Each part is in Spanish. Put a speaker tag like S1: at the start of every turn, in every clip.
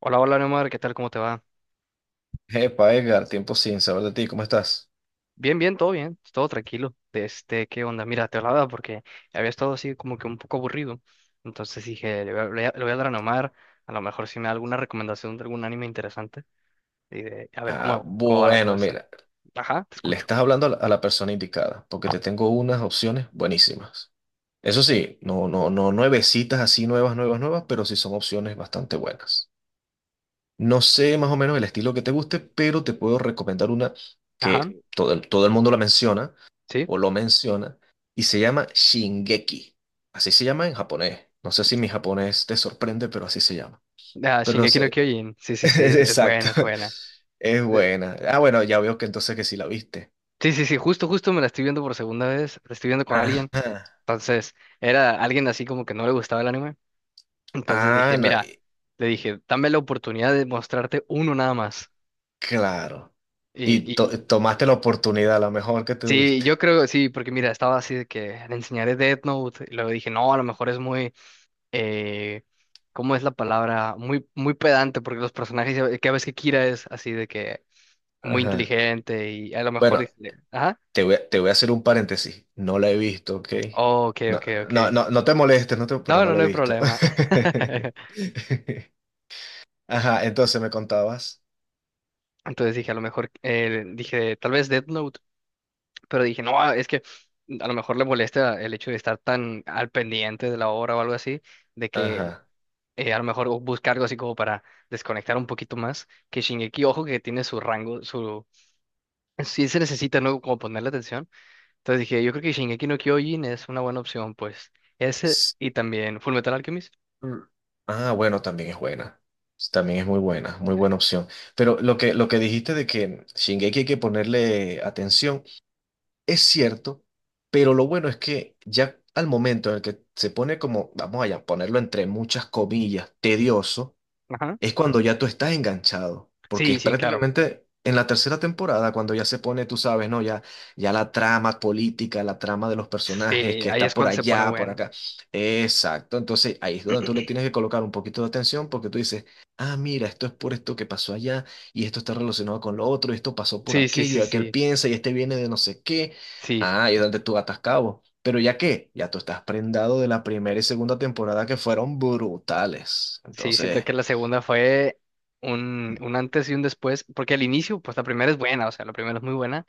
S1: Hola, hola, Neomar, ¿qué tal? ¿Cómo te va?
S2: Epa, Edgar, tiempo sin saber de ti, ¿cómo estás?
S1: Bien, bien, todo tranquilo. Este, ¿qué onda? Mira, te hablaba porque había estado así como que un poco aburrido. Entonces dije, le voy a, le voy a- le voy a hablar a Neomar, a lo mejor si me da alguna recomendación de algún anime interesante y de, a ver
S2: Ah,
S1: cómo va la
S2: bueno,
S1: cosa.
S2: mira,
S1: Ajá, te
S2: le
S1: escucho.
S2: estás hablando a la persona indicada, porque te tengo unas opciones buenísimas. Eso sí, no nuevecitas así nuevas, nuevas, nuevas, pero sí son opciones bastante buenas. No sé más o menos el estilo que te guste, pero te puedo recomendar una
S1: Ajá,
S2: que todo el mundo la menciona
S1: sí.
S2: o lo menciona y se llama Shingeki. Así se llama en japonés. No sé si mi japonés te sorprende, pero así se llama.
S1: Ah,
S2: Pero
S1: Shingeki no
S2: se-
S1: Kyojin. Sí, sí, sí, es
S2: Exacto.
S1: buena, es buena.
S2: Es
S1: De-
S2: buena. Ah, bueno, ya veo que entonces que sí la viste.
S1: Sí, sí, sí, justo me la estoy viendo por segunda vez, la estoy viendo con alguien.
S2: Ajá.
S1: Entonces, era alguien así como que no le gustaba el anime. Entonces
S2: Ah,
S1: dije,
S2: no,
S1: mira, le dije, dame la oportunidad de mostrarte uno nada más.
S2: claro.
S1: Y,
S2: Y
S1: y
S2: tomaste la oportunidad, la mejor que
S1: sí,
S2: tuviste.
S1: yo creo, sí, porque mira, estaba así de que le enseñaré Death Note. Y luego dije, no, a lo mejor es muy, eh, ¿cómo es la palabra? Muy, muy pedante, porque los personajes, que ves que Kira es así de que muy
S2: Ajá.
S1: inteligente y a lo mejor
S2: Bueno,
S1: dije, ajá,
S2: te voy a hacer un paréntesis. No la he visto, ¿ok?
S1: oh, ok,
S2: No,
S1: ok, ok.
S2: no te molestes, pero
S1: No,
S2: no
S1: no,
S2: la
S1: no
S2: he
S1: hay
S2: visto.
S1: problema.
S2: Ajá, entonces me contabas.
S1: Entonces dije, a lo mejor, dije, tal vez Death Note. Pero dije, no, ah, es que a lo mejor le molesta el hecho de estar tan al pendiente de la obra o algo así, de que
S2: Ajá.
S1: a lo mejor busca algo así como para desconectar un poquito más, que Shingeki, ojo que tiene su rango, su. Sí se necesita, ¿no? Como ponerle atención. Entonces dije, yo creo que Shingeki no Kyojin es una buena opción, pues. Ese y también Fullmetal Alchemist.
S2: Mm. Ah, bueno, también es buena. También es muy buena opción. Pero lo que dijiste de que Shingeki hay que ponerle atención, es cierto, pero lo bueno es que ya al momento en el que se pone como, vamos allá, ponerlo entre muchas comillas, tedioso
S1: Ajá.
S2: es cuando ya tú estás enganchado, porque
S1: Sí,
S2: es
S1: sí, claro.
S2: prácticamente en la tercera temporada cuando ya se pone, tú sabes, ¿no? Ya, ya la trama política, la trama de los personajes
S1: Sí,
S2: que
S1: ahí
S2: está
S1: es
S2: por
S1: cuando se pone
S2: allá, por
S1: bueno.
S2: acá. Exacto, entonces ahí es donde tú le tienes que colocar un poquito de atención porque tú dices, ah, mira, esto es por esto que pasó allá y esto está relacionado con lo otro, y esto pasó por
S1: Sí, sí,
S2: aquello y
S1: sí,
S2: aquel
S1: sí,
S2: piensa y este viene de no sé qué.
S1: sí.
S2: Ah, y es donde tú atas cabo. Pero ya que, ya tú estás prendado de la primera y segunda temporada que fueron brutales.
S1: Sí, siento
S2: Entonces…
S1: que la segunda fue un antes y un después, porque al inicio, pues la primera es buena, o sea, la primera es muy buena,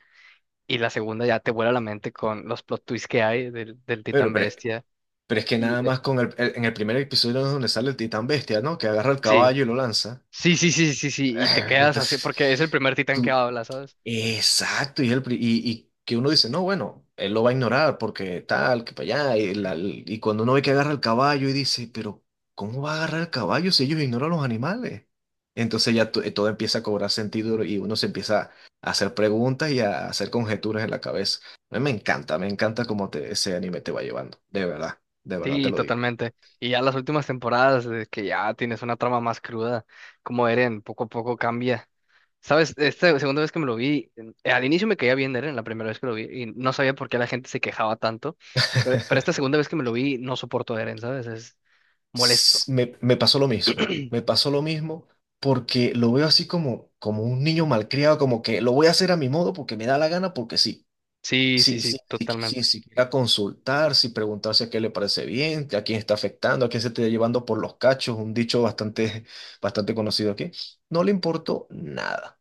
S1: y la segunda ya te vuela la mente con los plot twists que hay del
S2: Pero,
S1: Titán
S2: pero,
S1: Bestia.
S2: pero es que
S1: Y
S2: nada más con en el primer episodio es donde sale el titán bestia, ¿no? Que agarra el
S1: sí,
S2: caballo y lo lanza.
S1: sí, sí, sí, sí, sí, y te quedas así,
S2: Entonces,
S1: porque es el primer Titán que
S2: tú,
S1: habla, ¿sabes?
S2: Exacto, y que uno dice, no, bueno, él lo va a ignorar porque tal, que para allá, y cuando uno ve que agarra el caballo y dice, pero ¿cómo va a agarrar el caballo si ellos ignoran los animales? Entonces todo empieza a cobrar sentido y uno se empieza a hacer preguntas y a hacer conjeturas en la cabeza. A mí me encanta cómo te, ese anime te va llevando, de verdad te
S1: Sí,
S2: lo digo.
S1: totalmente. Y ya las últimas temporadas, de que ya tienes una trama más cruda, como Eren poco a poco cambia. Sabes, esta segunda vez que me lo vi, al inicio me caía bien Eren, la primera vez que lo vi, y no sabía por qué la gente se quejaba tanto, pero esta segunda vez que me lo vi, no soporto a Eren, ¿sabes? Es molesto.
S2: Me pasó lo mismo, me pasó lo mismo porque lo veo así como, como un niño malcriado, como que lo voy a hacer a mi modo porque me da la gana, porque sí,
S1: Sí, sí,
S2: sí,
S1: sí,
S2: sí, sí, sí,
S1: totalmente.
S2: sin siquiera consultar, sin preguntarse a qué le parece bien, a quién está afectando, a quién se está llevando por los cachos, un dicho bastante, bastante conocido aquí, no le importó nada.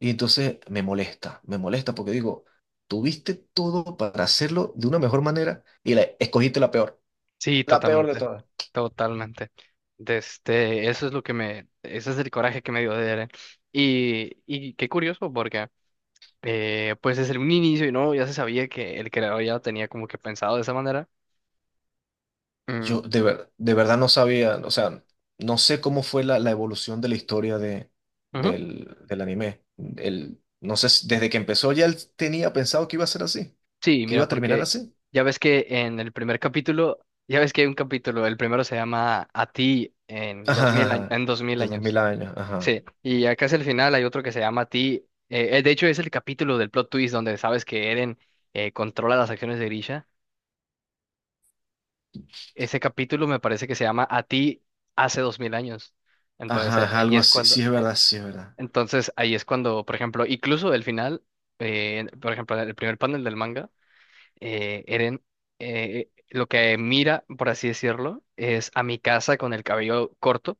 S2: Y entonces me molesta porque digo, tuviste todo para hacerlo de una mejor manera y la, escogiste
S1: Sí,
S2: la peor de
S1: totalmente.
S2: todas.
S1: Totalmente. De este, eso es lo que me, ese es el coraje que me dio de Eren. Y qué curioso, porque pues desde un inicio, y no, ya se sabía que el creador ya lo tenía como que pensado de esa manera. Mm,
S2: Yo de verdad no sabía, o sea, no sé cómo fue la evolución de la historia de,
S1: ujú.
S2: del anime. El, no sé, desde que empezó ya él tenía pensado que iba a ser así,
S1: Sí,
S2: que iba
S1: mira,
S2: a terminar
S1: porque
S2: así.
S1: ya ves que en el primer capítulo, ya ves que hay un capítulo, el primero se llama A ti en
S2: Ajá, ajá,
S1: 2000,
S2: ajá.
S1: en 2000
S2: Desde mil
S1: años.
S2: años, ajá.
S1: Sí, y acá es el final, hay otro que se llama A ti, de hecho, es el capítulo del plot twist donde sabes que Eren controla las acciones de Grisha. Ese capítulo me parece que se llama A ti hace 2000 años. Entonces,
S2: Ajá, ajá,
S1: ahí
S2: algo
S1: es
S2: así,
S1: cuando,
S2: sí es verdad, sí es verdad.
S1: entonces, ahí es cuando, por ejemplo, incluso el final, por ejemplo, el primer panel del manga. Eren lo que mira, por así decirlo, es a mi casa con el cabello corto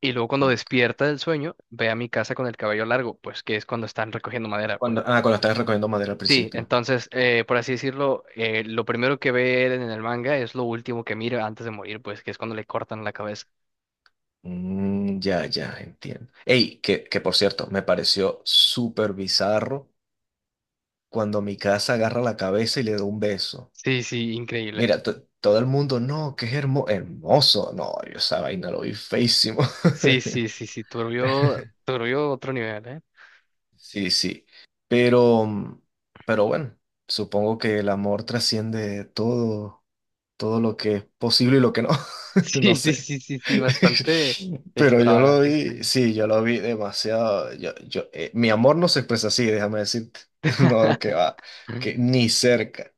S1: y luego cuando
S2: Ok.
S1: despierta del sueño ve a mi casa con el cabello largo, pues que es cuando están recogiendo madera,
S2: Cuando,
S1: pues.
S2: ah, cuando estabas recogiendo madera al
S1: Sí,
S2: principio.
S1: entonces, por así decirlo, lo primero que ve Eren en el manga es lo último que mira antes de morir, pues que es cuando le cortan la cabeza.
S2: Mm, ya, ya, entiendo. Ey, que por cierto, me pareció súper bizarro cuando mi casa agarra la cabeza y le da un beso.
S1: Sí, sí, increíble.
S2: Mira, todo el mundo, no, que es hermoso. No, yo esa vaina lo vi feísimo.
S1: Sí, sí, sí, sí, turbio, turbio otro nivel, ¿eh?
S2: Sí, sí. Pero, mm, pero bueno, supongo que el amor trasciende todo, todo lo que es posible y lo que no.
S1: Sí,
S2: No
S1: sí,
S2: sé.
S1: sí, sí, sí, bastante
S2: Pero yo lo
S1: extravagante,
S2: vi,
S1: extraño.
S2: sí, yo lo vi demasiado. Yo, mi amor no se expresa así, déjame decirte. No, que va, que ni cerca.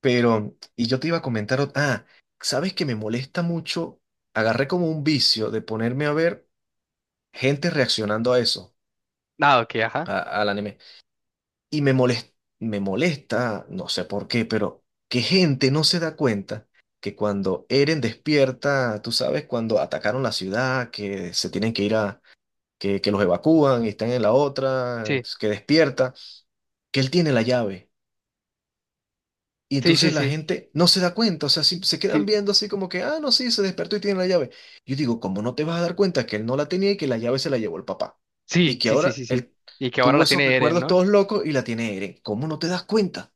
S2: Pero, y yo te iba a comentar, ¿sabes que me molesta mucho? Agarré como un vicio de ponerme a ver gente reaccionando a eso,
S1: Ah, ok, ajá.
S2: al anime. Y me molesta, no sé por qué, pero que gente no se da cuenta que cuando Eren despierta, tú sabes, cuando atacaron la ciudad, que se tienen que ir a, que los evacúan y están en la otra,
S1: Sí,
S2: que despierta, que él tiene la llave. Y
S1: sí, sí,
S2: entonces la
S1: sí,
S2: gente no se da cuenta, o sea, se quedan
S1: sí,
S2: viendo así como que, ah, no, sí, se despertó y tiene la llave. Yo digo, ¿cómo no te vas a dar cuenta que él no la tenía y que la llave se la llevó el papá?
S1: sí,
S2: Y que
S1: sí, sí,
S2: ahora
S1: sí, sí.
S2: él
S1: Y que ahora
S2: tuvo
S1: la
S2: esos
S1: tiene Eren,
S2: recuerdos
S1: ¿no?
S2: todos locos y la tiene Eren. ¿Cómo no te das cuenta?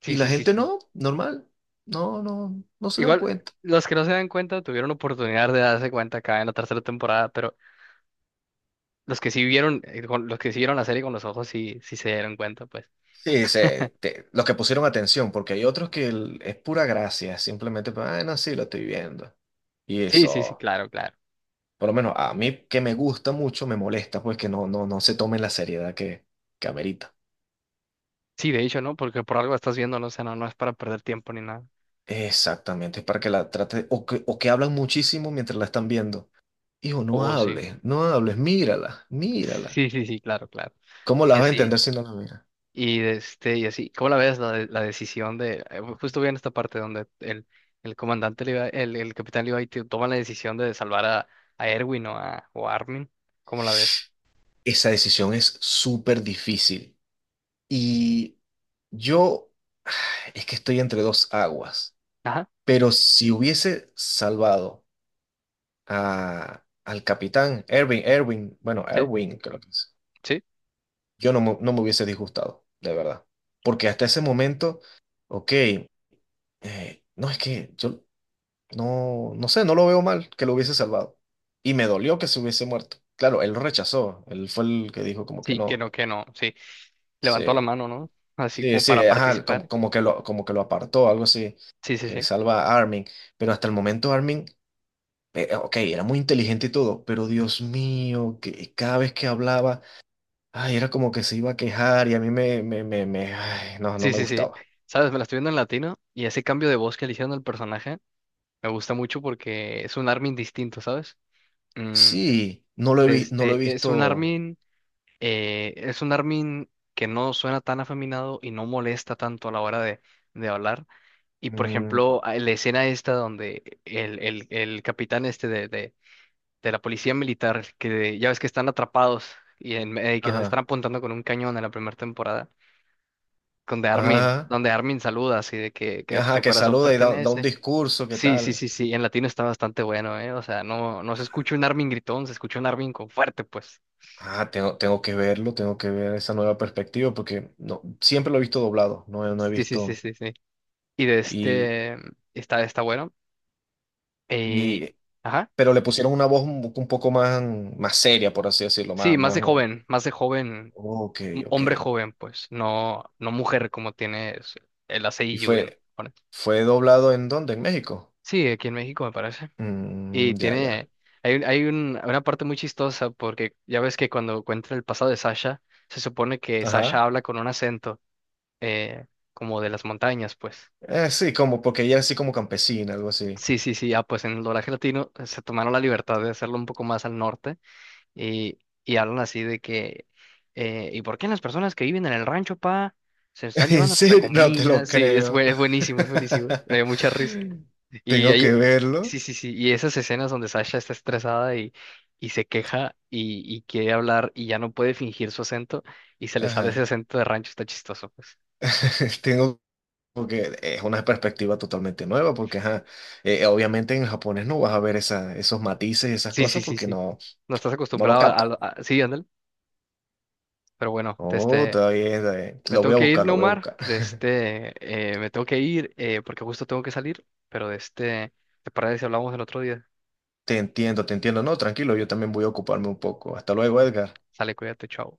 S1: Sí,
S2: Y la
S1: sí, sí,
S2: gente
S1: sí.
S2: no, normal, no, no se dan
S1: Igual,
S2: cuenta.
S1: los que no se dan cuenta tuvieron oportunidad de darse cuenta acá en la tercera temporada, pero los que sí vieron, los que sí vieron la serie con los ojos sí, sí se dieron cuenta, pues.
S2: Sí, los que pusieron atención, porque hay otros que es pura gracia, simplemente, ah, no, sí, lo estoy viendo. Y
S1: Sí, sí, sí,
S2: eso.
S1: claro, claro.
S2: Por lo menos a mí que me gusta mucho, me molesta pues que no, no se tome la seriedad que amerita.
S1: Sí, de hecho, ¿no? Porque por algo estás viendo, no sé, no, no es para perder tiempo ni nada.
S2: Exactamente, es para que la trate, o que hablan muchísimo mientras la están viendo. Hijo,
S1: O
S2: no
S1: o sí.
S2: hables, no hables, mírala, mírala.
S1: Sí, sí, sí, claro, claro.
S2: ¿Cómo la
S1: Y
S2: vas a
S1: así.
S2: entender si no la miras?
S1: Y este, y así, ¿cómo la ves la, la decisión justo vi en esta parte donde el capitán Levi toma la decisión de salvar a Erwin o a Armin? ¿Cómo la ves?
S2: Esa decisión es súper difícil. Y yo es que estoy entre dos aguas.
S1: Ajá,
S2: Pero si hubiese salvado a, al capitán Erwin, Erwin, bueno,
S1: sí,
S2: Erwin, creo que es.
S1: sí,
S2: Yo no me, no me hubiese disgustado, de verdad. Porque hasta ese momento, ok, no es que yo no, no sé, no lo veo mal que lo hubiese salvado. Y me dolió que se hubiese muerto. Claro, él lo rechazó, él fue el que dijo como que
S1: sí,
S2: no,
S1: que no, sí. Levantó la
S2: sí,
S1: mano, ¿no? Así
S2: sí,
S1: como
S2: sí,
S1: para
S2: ajá, como,
S1: participar.
S2: como que lo apartó, algo así,
S1: Sí, sí,
S2: que
S1: sí.
S2: salva a Armin. Pero hasta el momento Armin, ok, era muy inteligente y todo, pero Dios mío, que cada vez que hablaba… Ay, era como que se iba a quejar y a mí me, me, ay, no, no
S1: Sí,
S2: me
S1: sí, sí.
S2: gustaba.
S1: Sabes, me la estoy viendo en latino y ese cambio de voz que le hicieron al personaje me gusta mucho porque es un Armin distinto, ¿sabes? Mm,
S2: Sí,
S1: de
S2: no lo he
S1: este, es un
S2: visto.
S1: Armin. Es un Armin que no suena tan afeminado y no molesta tanto a la hora de hablar. Y por
S2: Mm,
S1: ejemplo, la escena esta donde el capitán este de la policía militar, que ya ves que están atrapados y, que los están
S2: ajá,
S1: apuntando con un cañón en la primera temporada, donde Armin,
S2: ajá,
S1: donde Armin saluda así de que
S2: ajá,
S1: su
S2: que
S1: corazón
S2: saluda y da, da un
S1: pertenece.
S2: discurso, ¿qué
S1: Sí, sí,
S2: tal?
S1: sí, sí, en latino está bastante bueno, ¿eh? O sea, no, no se escucha un Armin gritón, se escucha un Armin con fuerte, pues.
S2: Ah, tengo, tengo que verlo, tengo que ver esa nueva perspectiva porque no, siempre lo he visto doblado, no, no he
S1: Sí, sí, sí,
S2: visto.
S1: sí, sí. Y de
S2: Y,
S1: este, está bueno. Eh,
S2: y,
S1: ajá.
S2: pero le pusieron una voz un poco más, más seria, por así decirlo,
S1: Sí,
S2: más, más.
S1: más de joven,
S2: Ok, ok.
S1: hombre joven, pues, no, no mujer como tiene el
S2: ¿Y
S1: ACIU en
S2: fue,
S1: Japón.
S2: fue doblado en dónde? ¿En México?
S1: Sí, aquí en México me parece. Y
S2: Mm, ya, ya.
S1: tiene, hay una parte muy chistosa porque ya ves que cuando cuenta el pasado de Sasha, se supone que Sasha
S2: Ajá.
S1: habla con un acento eh, como de las montañas, pues.
S2: Sí, como porque ella es así como campesina, algo así.
S1: Sí, sí, sí, ah, pues en el doblaje latino se tomaron la libertad de hacerlo un poco más al norte. Y, y hablan así de que, ¿y por qué las personas que viven en el rancho, pa, se están
S2: ¿En
S1: llevando nuestra
S2: serio? No te
S1: comida?
S2: lo
S1: Sí, es,
S2: creo.
S1: es buenísimo, es buenísimo. Me dio mucha risa. Y
S2: Tengo que
S1: ahí,
S2: verlo.
S1: sí, sí, sí. Y esas escenas donde Sasha está estresada y se queja y quiere hablar y ya no puede fingir su acento y se le sale ese
S2: Ajá.
S1: acento de rancho, está chistoso, pues.
S2: Tengo porque es una perspectiva totalmente nueva, porque ajá, obviamente en japonés no vas a ver esa, esos matices y esas
S1: Sí,
S2: cosas
S1: sí, sí,
S2: porque
S1: sí.
S2: no,
S1: No estás
S2: no lo
S1: acostumbrado a...
S2: captan.
S1: a- a- sí, ándale. Pero bueno,
S2: Oh,
S1: este,
S2: todavía es
S1: me
S2: lo
S1: tengo
S2: voy a
S1: que ir,
S2: buscar, lo voy a
S1: Neumar,
S2: buscar.
S1: de este, me tengo que ir porque justo tengo que salir, pero de este, ¿te parece si hablamos el otro día?
S2: Te entiendo, te entiendo. No, tranquilo, yo también voy a ocuparme un poco. Hasta luego, Edgar.
S1: Sale, cuídate, chao.